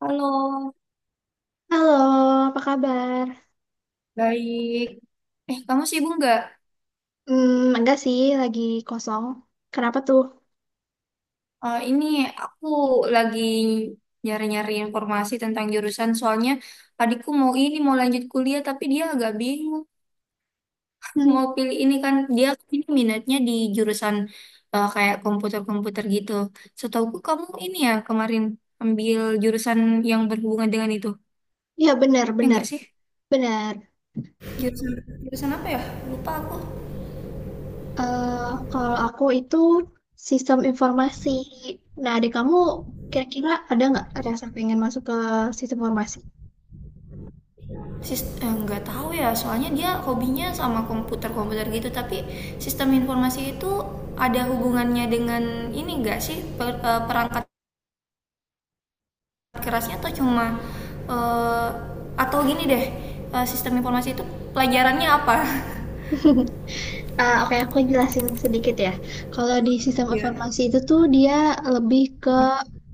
Halo, Halo, apa kabar? baik. Kamu sibuk nggak? Enggak sih, lagi kosong. Kenapa tuh? Ini aku lagi nyari-nyari informasi tentang jurusan. Soalnya adikku mau ini, mau lanjut kuliah, tapi dia agak bingung. Hmm, Mau pilih ini kan, dia ini minatnya di jurusan, kayak komputer-komputer gitu. Setauku kamu ini ya kemarin ambil jurusan yang berhubungan dengan itu. Ya Ya enggak sih? benar. Jurusan, jurusan apa ya? Lupa aku. Kalau aku itu sistem informasi. Nah, adik kamu kira-kira ada nggak rasa pengen masuk ke sistem informasi? Nggak tahu ya, soalnya dia hobinya sama komputer komputer gitu. Tapi sistem informasi itu ada hubungannya dengan ini nggak sih? Perangkat kerasnya, atau cuma eh, atau gini deh, sistem informasi itu pelajarannya apa? Oke, aku jelasin sedikit ya. Kalau di sistem Ya. informasi itu tuh dia lebih ke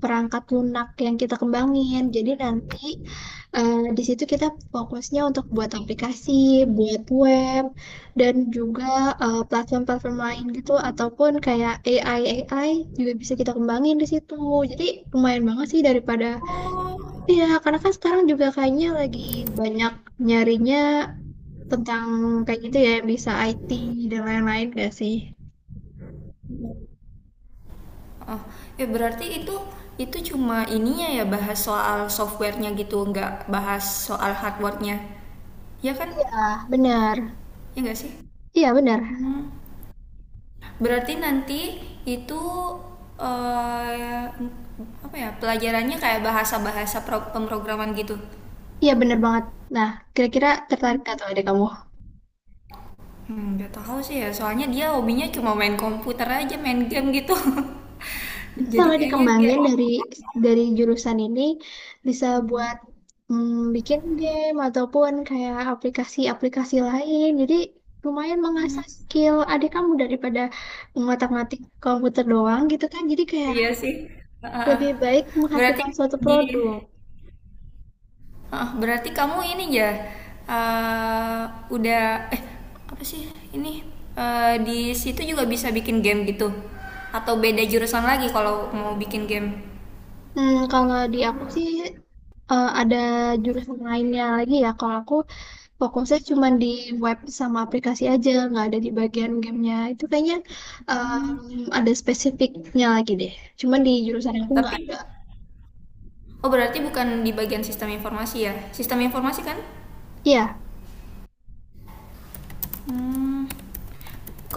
perangkat lunak yang kita kembangin. Jadi nanti di situ kita fokusnya untuk buat aplikasi, buat web, dan juga platform-platform lain gitu, ataupun kayak AI AI juga bisa kita kembangin di situ. Jadi lumayan banget sih daripada Oh ya karena kan sekarang juga kayaknya lagi banyak nyarinya tentang kayak gitu ya bisa IT dan lain-lain gak sih? oh, ya, berarti itu cuma ininya ya, bahas soal softwarenya gitu, nggak bahas soal hardwarenya, ya kan? Ah, benar. Ya nggak sih? Iya, benar. Hmm. Berarti nanti itu, eh, apa ya, pelajarannya kayak bahasa-bahasa pemrograman gitu. Iya, benar banget. Nah, kira-kira tertarik gak tuh adik kamu? Hmm, gak tahu sih ya. Soalnya dia hobinya cuma main komputer aja, main game gitu. Bisa Jadi loh kayaknya dia dikembangin dari jurusan ini bisa buat bikin game ataupun kayak aplikasi-aplikasi lain. Jadi lumayan mengasah skill adik kamu daripada ngotak-ngatik komputer doang gitu kan. Jadi kayak iya sih. Heeh. lebih baik berarti menghasilkan suatu di produk. Heeh, berarti kamu ini ya, eh, udah, eh apa sih ini. Di situ juga bisa bikin game gitu, atau beda jurusan lagi kalau mau bikin game? Kalau di aku sih ada jurusan lainnya lagi ya. Kalau aku fokusnya cuma di web sama aplikasi aja, nggak ada di bagian gamenya. Itu kayaknya Mmm, ada spesifiknya lagi deh. Cuman di jurusan aku nggak ada. tapi oh, berarti bukan di bagian sistem informasi ya? Sistem informasi kan? Iya. Mmm,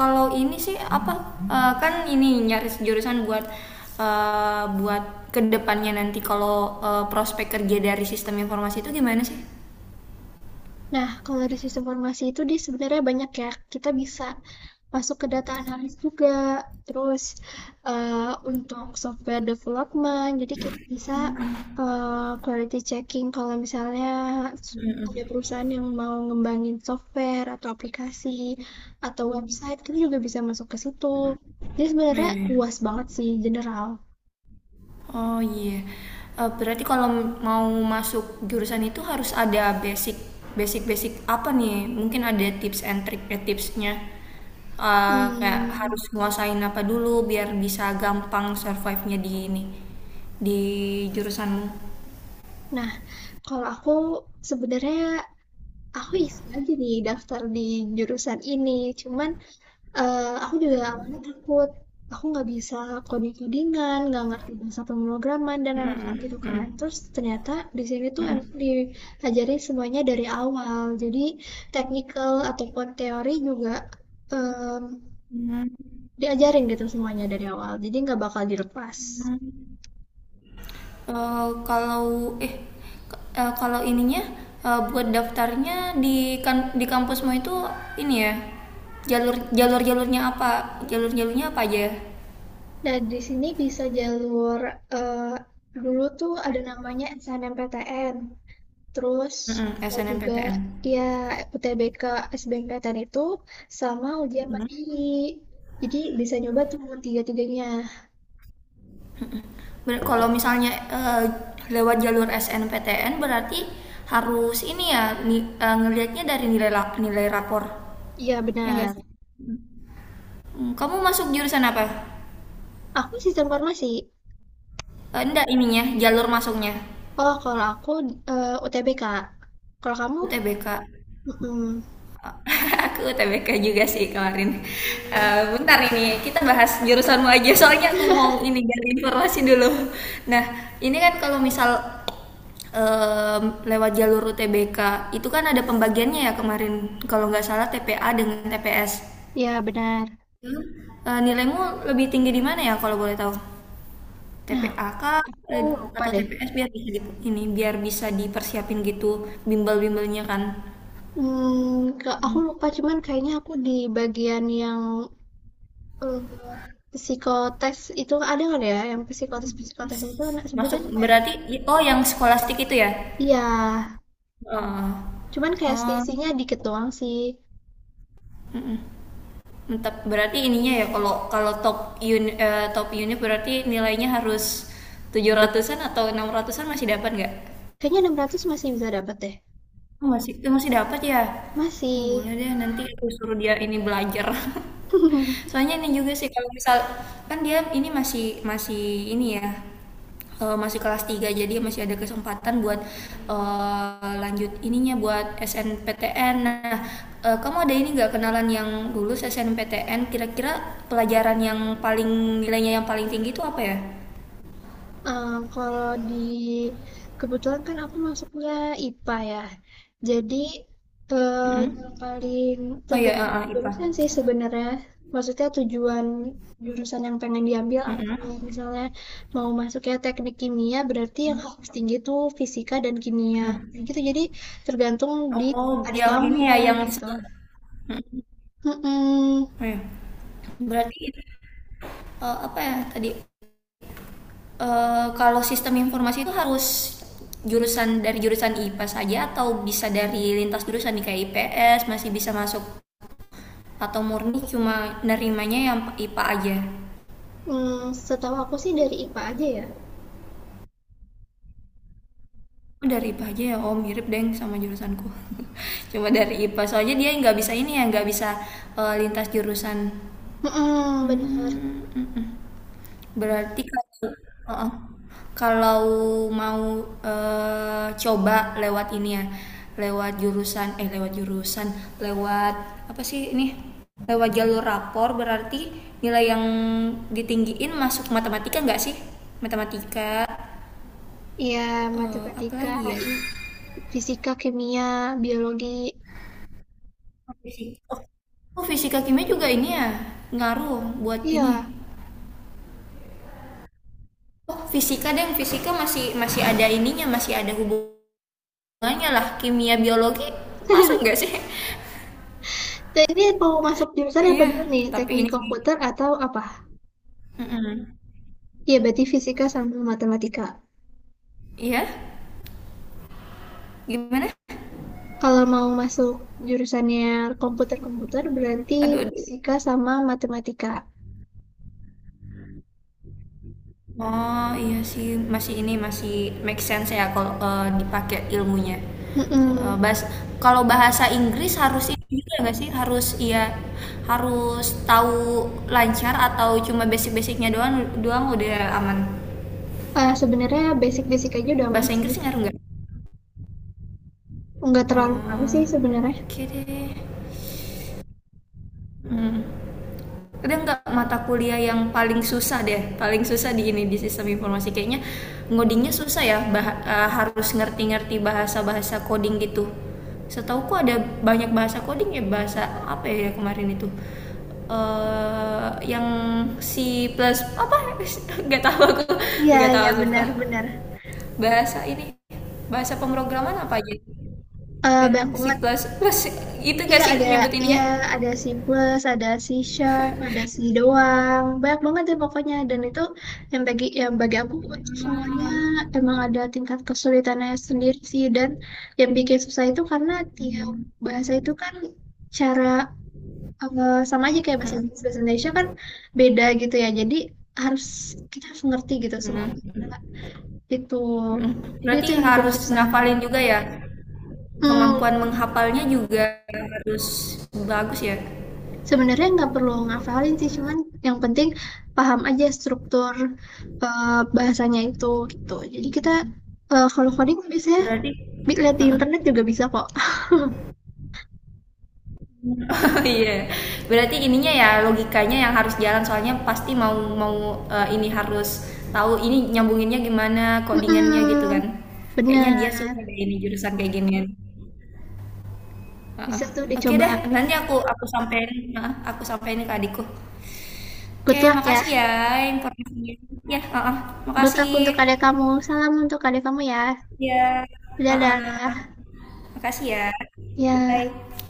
kalau ini sih apa, kan ini nyaris jurusan buat, buat kedepannya nanti kalau, prospek kerja dari sistem informasi itu gimana sih? Nah, kalau dari sistem informasi itu dia sebenarnya banyak ya. Kita bisa masuk ke data analis juga terus eh, untuk software development jadi kita bisa quality checking kalau misalnya ada perusahaan yang mau ngembangin software atau aplikasi atau website kita juga bisa masuk ke situ jadi Oh, sebenarnya iya iya. luas banget sih general. Oh iya. Berarti kalau mau masuk jurusan itu harus ada basic basic basic apa nih? Mungkin ada tips and trick, tipsnya. Kayak harus Hmm, nguasain apa dulu biar bisa gampang survive-nya di ini, di jurusanmu. nah kalau aku sebenarnya aku iseng aja nih daftar di jurusan ini cuman aku juga awalnya takut, aku nggak bisa coding codingan nggak ngerti bahasa pemrograman dan lain-lain gitu kan. Terus ternyata di sini tuh emang diajari semuanya dari awal, jadi technical ataupun teori juga, mmm, diajarin gitu semuanya dari awal, jadi nggak bakal dilepas. Eh, kalau eh Kalau ininya, buat daftarnya di kan di kampusmu itu, ini ya, jalur jalur jalurnya apa aja? Nah di sini bisa jalur, eee, dulu tuh ada namanya SNMPTN. Terus Mm-mm, bisa juga SNMPTN. ya UTBK, SBMPTN itu sama ujian mandiri. Jadi bisa nyoba tuh tiga-tiganya. Kalau misalnya eh, lewat jalur SNPTN berarti harus ini ya, ngelihatnya dari nilai rapor. Iya Ya enggak benar. sih? Hmm, kamu masuk jurusan apa? Aku sistem farmasi. Enggak ininya, jalur masuknya. Oh kalau aku UTBK. Kalau kamu, UTBK. mm Aku UTBK juga sih kemarin. Bentar ini, kita bahas jurusanmu aja, soalnya aku mau ini gali informasi dulu. Nah, ini kan kalau misal, em, lewat jalur UTBK itu kan ada pembagiannya ya kemarin, kalau nggak salah TPA dengan TPS. ya benar. Nilaimu lebih tinggi di mana ya, kalau boleh tahu? Nah TPA kah, aku eh, lupa atau deh. TPS, biar bisa di- ini biar bisa dipersiapin gitu, bimbel-bimbelnya kan. Aku lupa cuman kayaknya aku di bagian yang Eee, psikotes itu ada nggak ya, yang psikotes-psikotes itu na Masuk sebutannya apa ya? berarti oh, yang skolastik itu ya? Iya, Heeh. cuman kayak Oh, selisihnya dikit doang sih. mantap. Berarti ininya ya, kalau kalau top unit berarti nilainya harus 700-an, atau enam ratusan masih dapat nggak? Kayaknya 600 masih bisa dapat deh, Oh masih, masih dapat ya? Oh boleh masih. deh, nanti aku suruh dia ini belajar. Soalnya ini juga sih, kalau misal kan dia ini masih masih ini ya, masih kelas tiga, jadi masih ada kesempatan buat, lanjut ininya buat SNPTN. Nah, kamu ada ini nggak kenalan yang lulus SNPTN, kira-kira pelajaran yang paling, nilainya yang paling tinggi itu apa ya? Kalau di kebetulan kan aku masuknya IPA ya. Jadi, eee, yang Mhm. paling Oh ya, tergantung heeh, IPA. jurusan sih sebenarnya. Maksudnya tujuan jurusan yang pengen diambil aku. Mhm Misalnya mau masuknya teknik kimia, berarti yang harus tinggi tuh fisika dan kimia, mhm. gitu. Jadi tergantung di Oh adik yang ini kamu ya yang se. gitu. Mhm, Mhm, iya. Berarti, apa ya tadi, eee, kalau sistem informasi itu harus jurusan dari jurusan IPA saja, atau bisa dari lintas jurusan nih, kayak IPS masih bisa masuk, atau murni cuma nerimanya yang IPA aja? mmm, setahu aku sih dari IPA aja ya. Oh dari IPA aja ya? Oh mirip deng sama jurusanku. Cuma dari IPA, soalnya dia nggak bisa ini ya, nggak bisa, lintas jurusan. Mhm, benar. Mmm, mhm. Berarti kalau, heeh, kalau mau, coba lewat ini ya, lewat jurusan, lewat apa sih ini, lewat jalur rapor berarti nilai yang ditinggiin masuk matematika nggak sih? Matematika, Iya, matematika, apalagi ya? fisika, kimia, biologi. Oh, fisika. Oh oh, fisika kimia juga ini ya, ngaruh buat ini? Iya. Oh, fisika deng, fisika masih masih ada ininya, masih ada hubungannya lah, kimia biologi masuk nggak sih? Dan ini mau masuk jurusan apa Iya, dulu nih? tapi Teknik ini sih komputer atau apa? mm-mm. Iya, berarti fisika sama matematika. Iya, gimana, Kalau mau masuk jurusannya komputer-komputer, berarti aduh aduh, fisika sama matematika. oh iya sih, masih ini masih make sense ya, kalau dipakai ilmunya. Eh, Mm-mm. bahas- Kalau bahasa Inggris harus ini juga nggak sih, harus iya, harus tahu lancar atau cuma basic-basicnya doang doang udah aman? Sebenarnya basic-basic aja udah aman Bahasa sih. Inggris ngaruh nggak? Nggak terlalu ngaruh Hmm, sih sebenarnya. oke deh. Hmm. Ada nggak mata kuliah yang paling susah deh, paling susah di ini di sistem informasi? Kayaknya ngodingnya susah ya, harus ngerti-ngerti bahasa-bahasa coding gitu. Setauku ada banyak bahasa coding ya, bahasa apa ya kemarin itu, yang C plus plus apa. Nggak tahu aku, Iya, nggak tahu iya sumpah, benar-benar. bahasa ini bahasa pemrograman apa aja, Eh banyak yang banget. C plus plus itu Iya nggak sih ada ya nyebutinnya? ada C plus, ada C sharp, ada C doang. Banyak banget deh pokoknya dan itu yang bagi aku semuanya emang ada tingkat kesulitannya sendiri sih dan yang bikin susah itu karena tiap bahasa itu kan cara sama aja kayak bahasa Hmm. Inggris bahasa Indonesia kan beda gitu ya. Jadi harus kita harus ngerti gitu semua Mm. bahasa itu. Mm. Jadi Berarti itu yang bikin harus susah. ngafalin juga ya. Hmm. Kemampuan menghafalnya juga harus bagus ya. Sebenarnya nggak perlu ngafalin sih, cuman yang penting paham aja struktur eh, bahasanya itu gitu. Jadi kita kalau coding biasanya Berarti lihat di internet juga bisa kok. iya. Berarti ininya ya, logikanya yang harus jalan, soalnya pasti mau mau ini harus tahu ini nyambunginnya gimana, codingannya gitu kan. Mm-mm, Kayaknya dia suka benar. deh ini jurusan kayak ginian. Heeh. Bisa tuh Oke dicoba. deh, nanti aku sampein, heeh, aku sampein ke adikku. Oke, Good luck ya. makasih ya informasinya. Ya, heeh. Good Makasih. luck untuk adik kamu. Salam untuk adik kamu ya. Iya, heeh. Dadah. Makasih ya. Ya. Bye.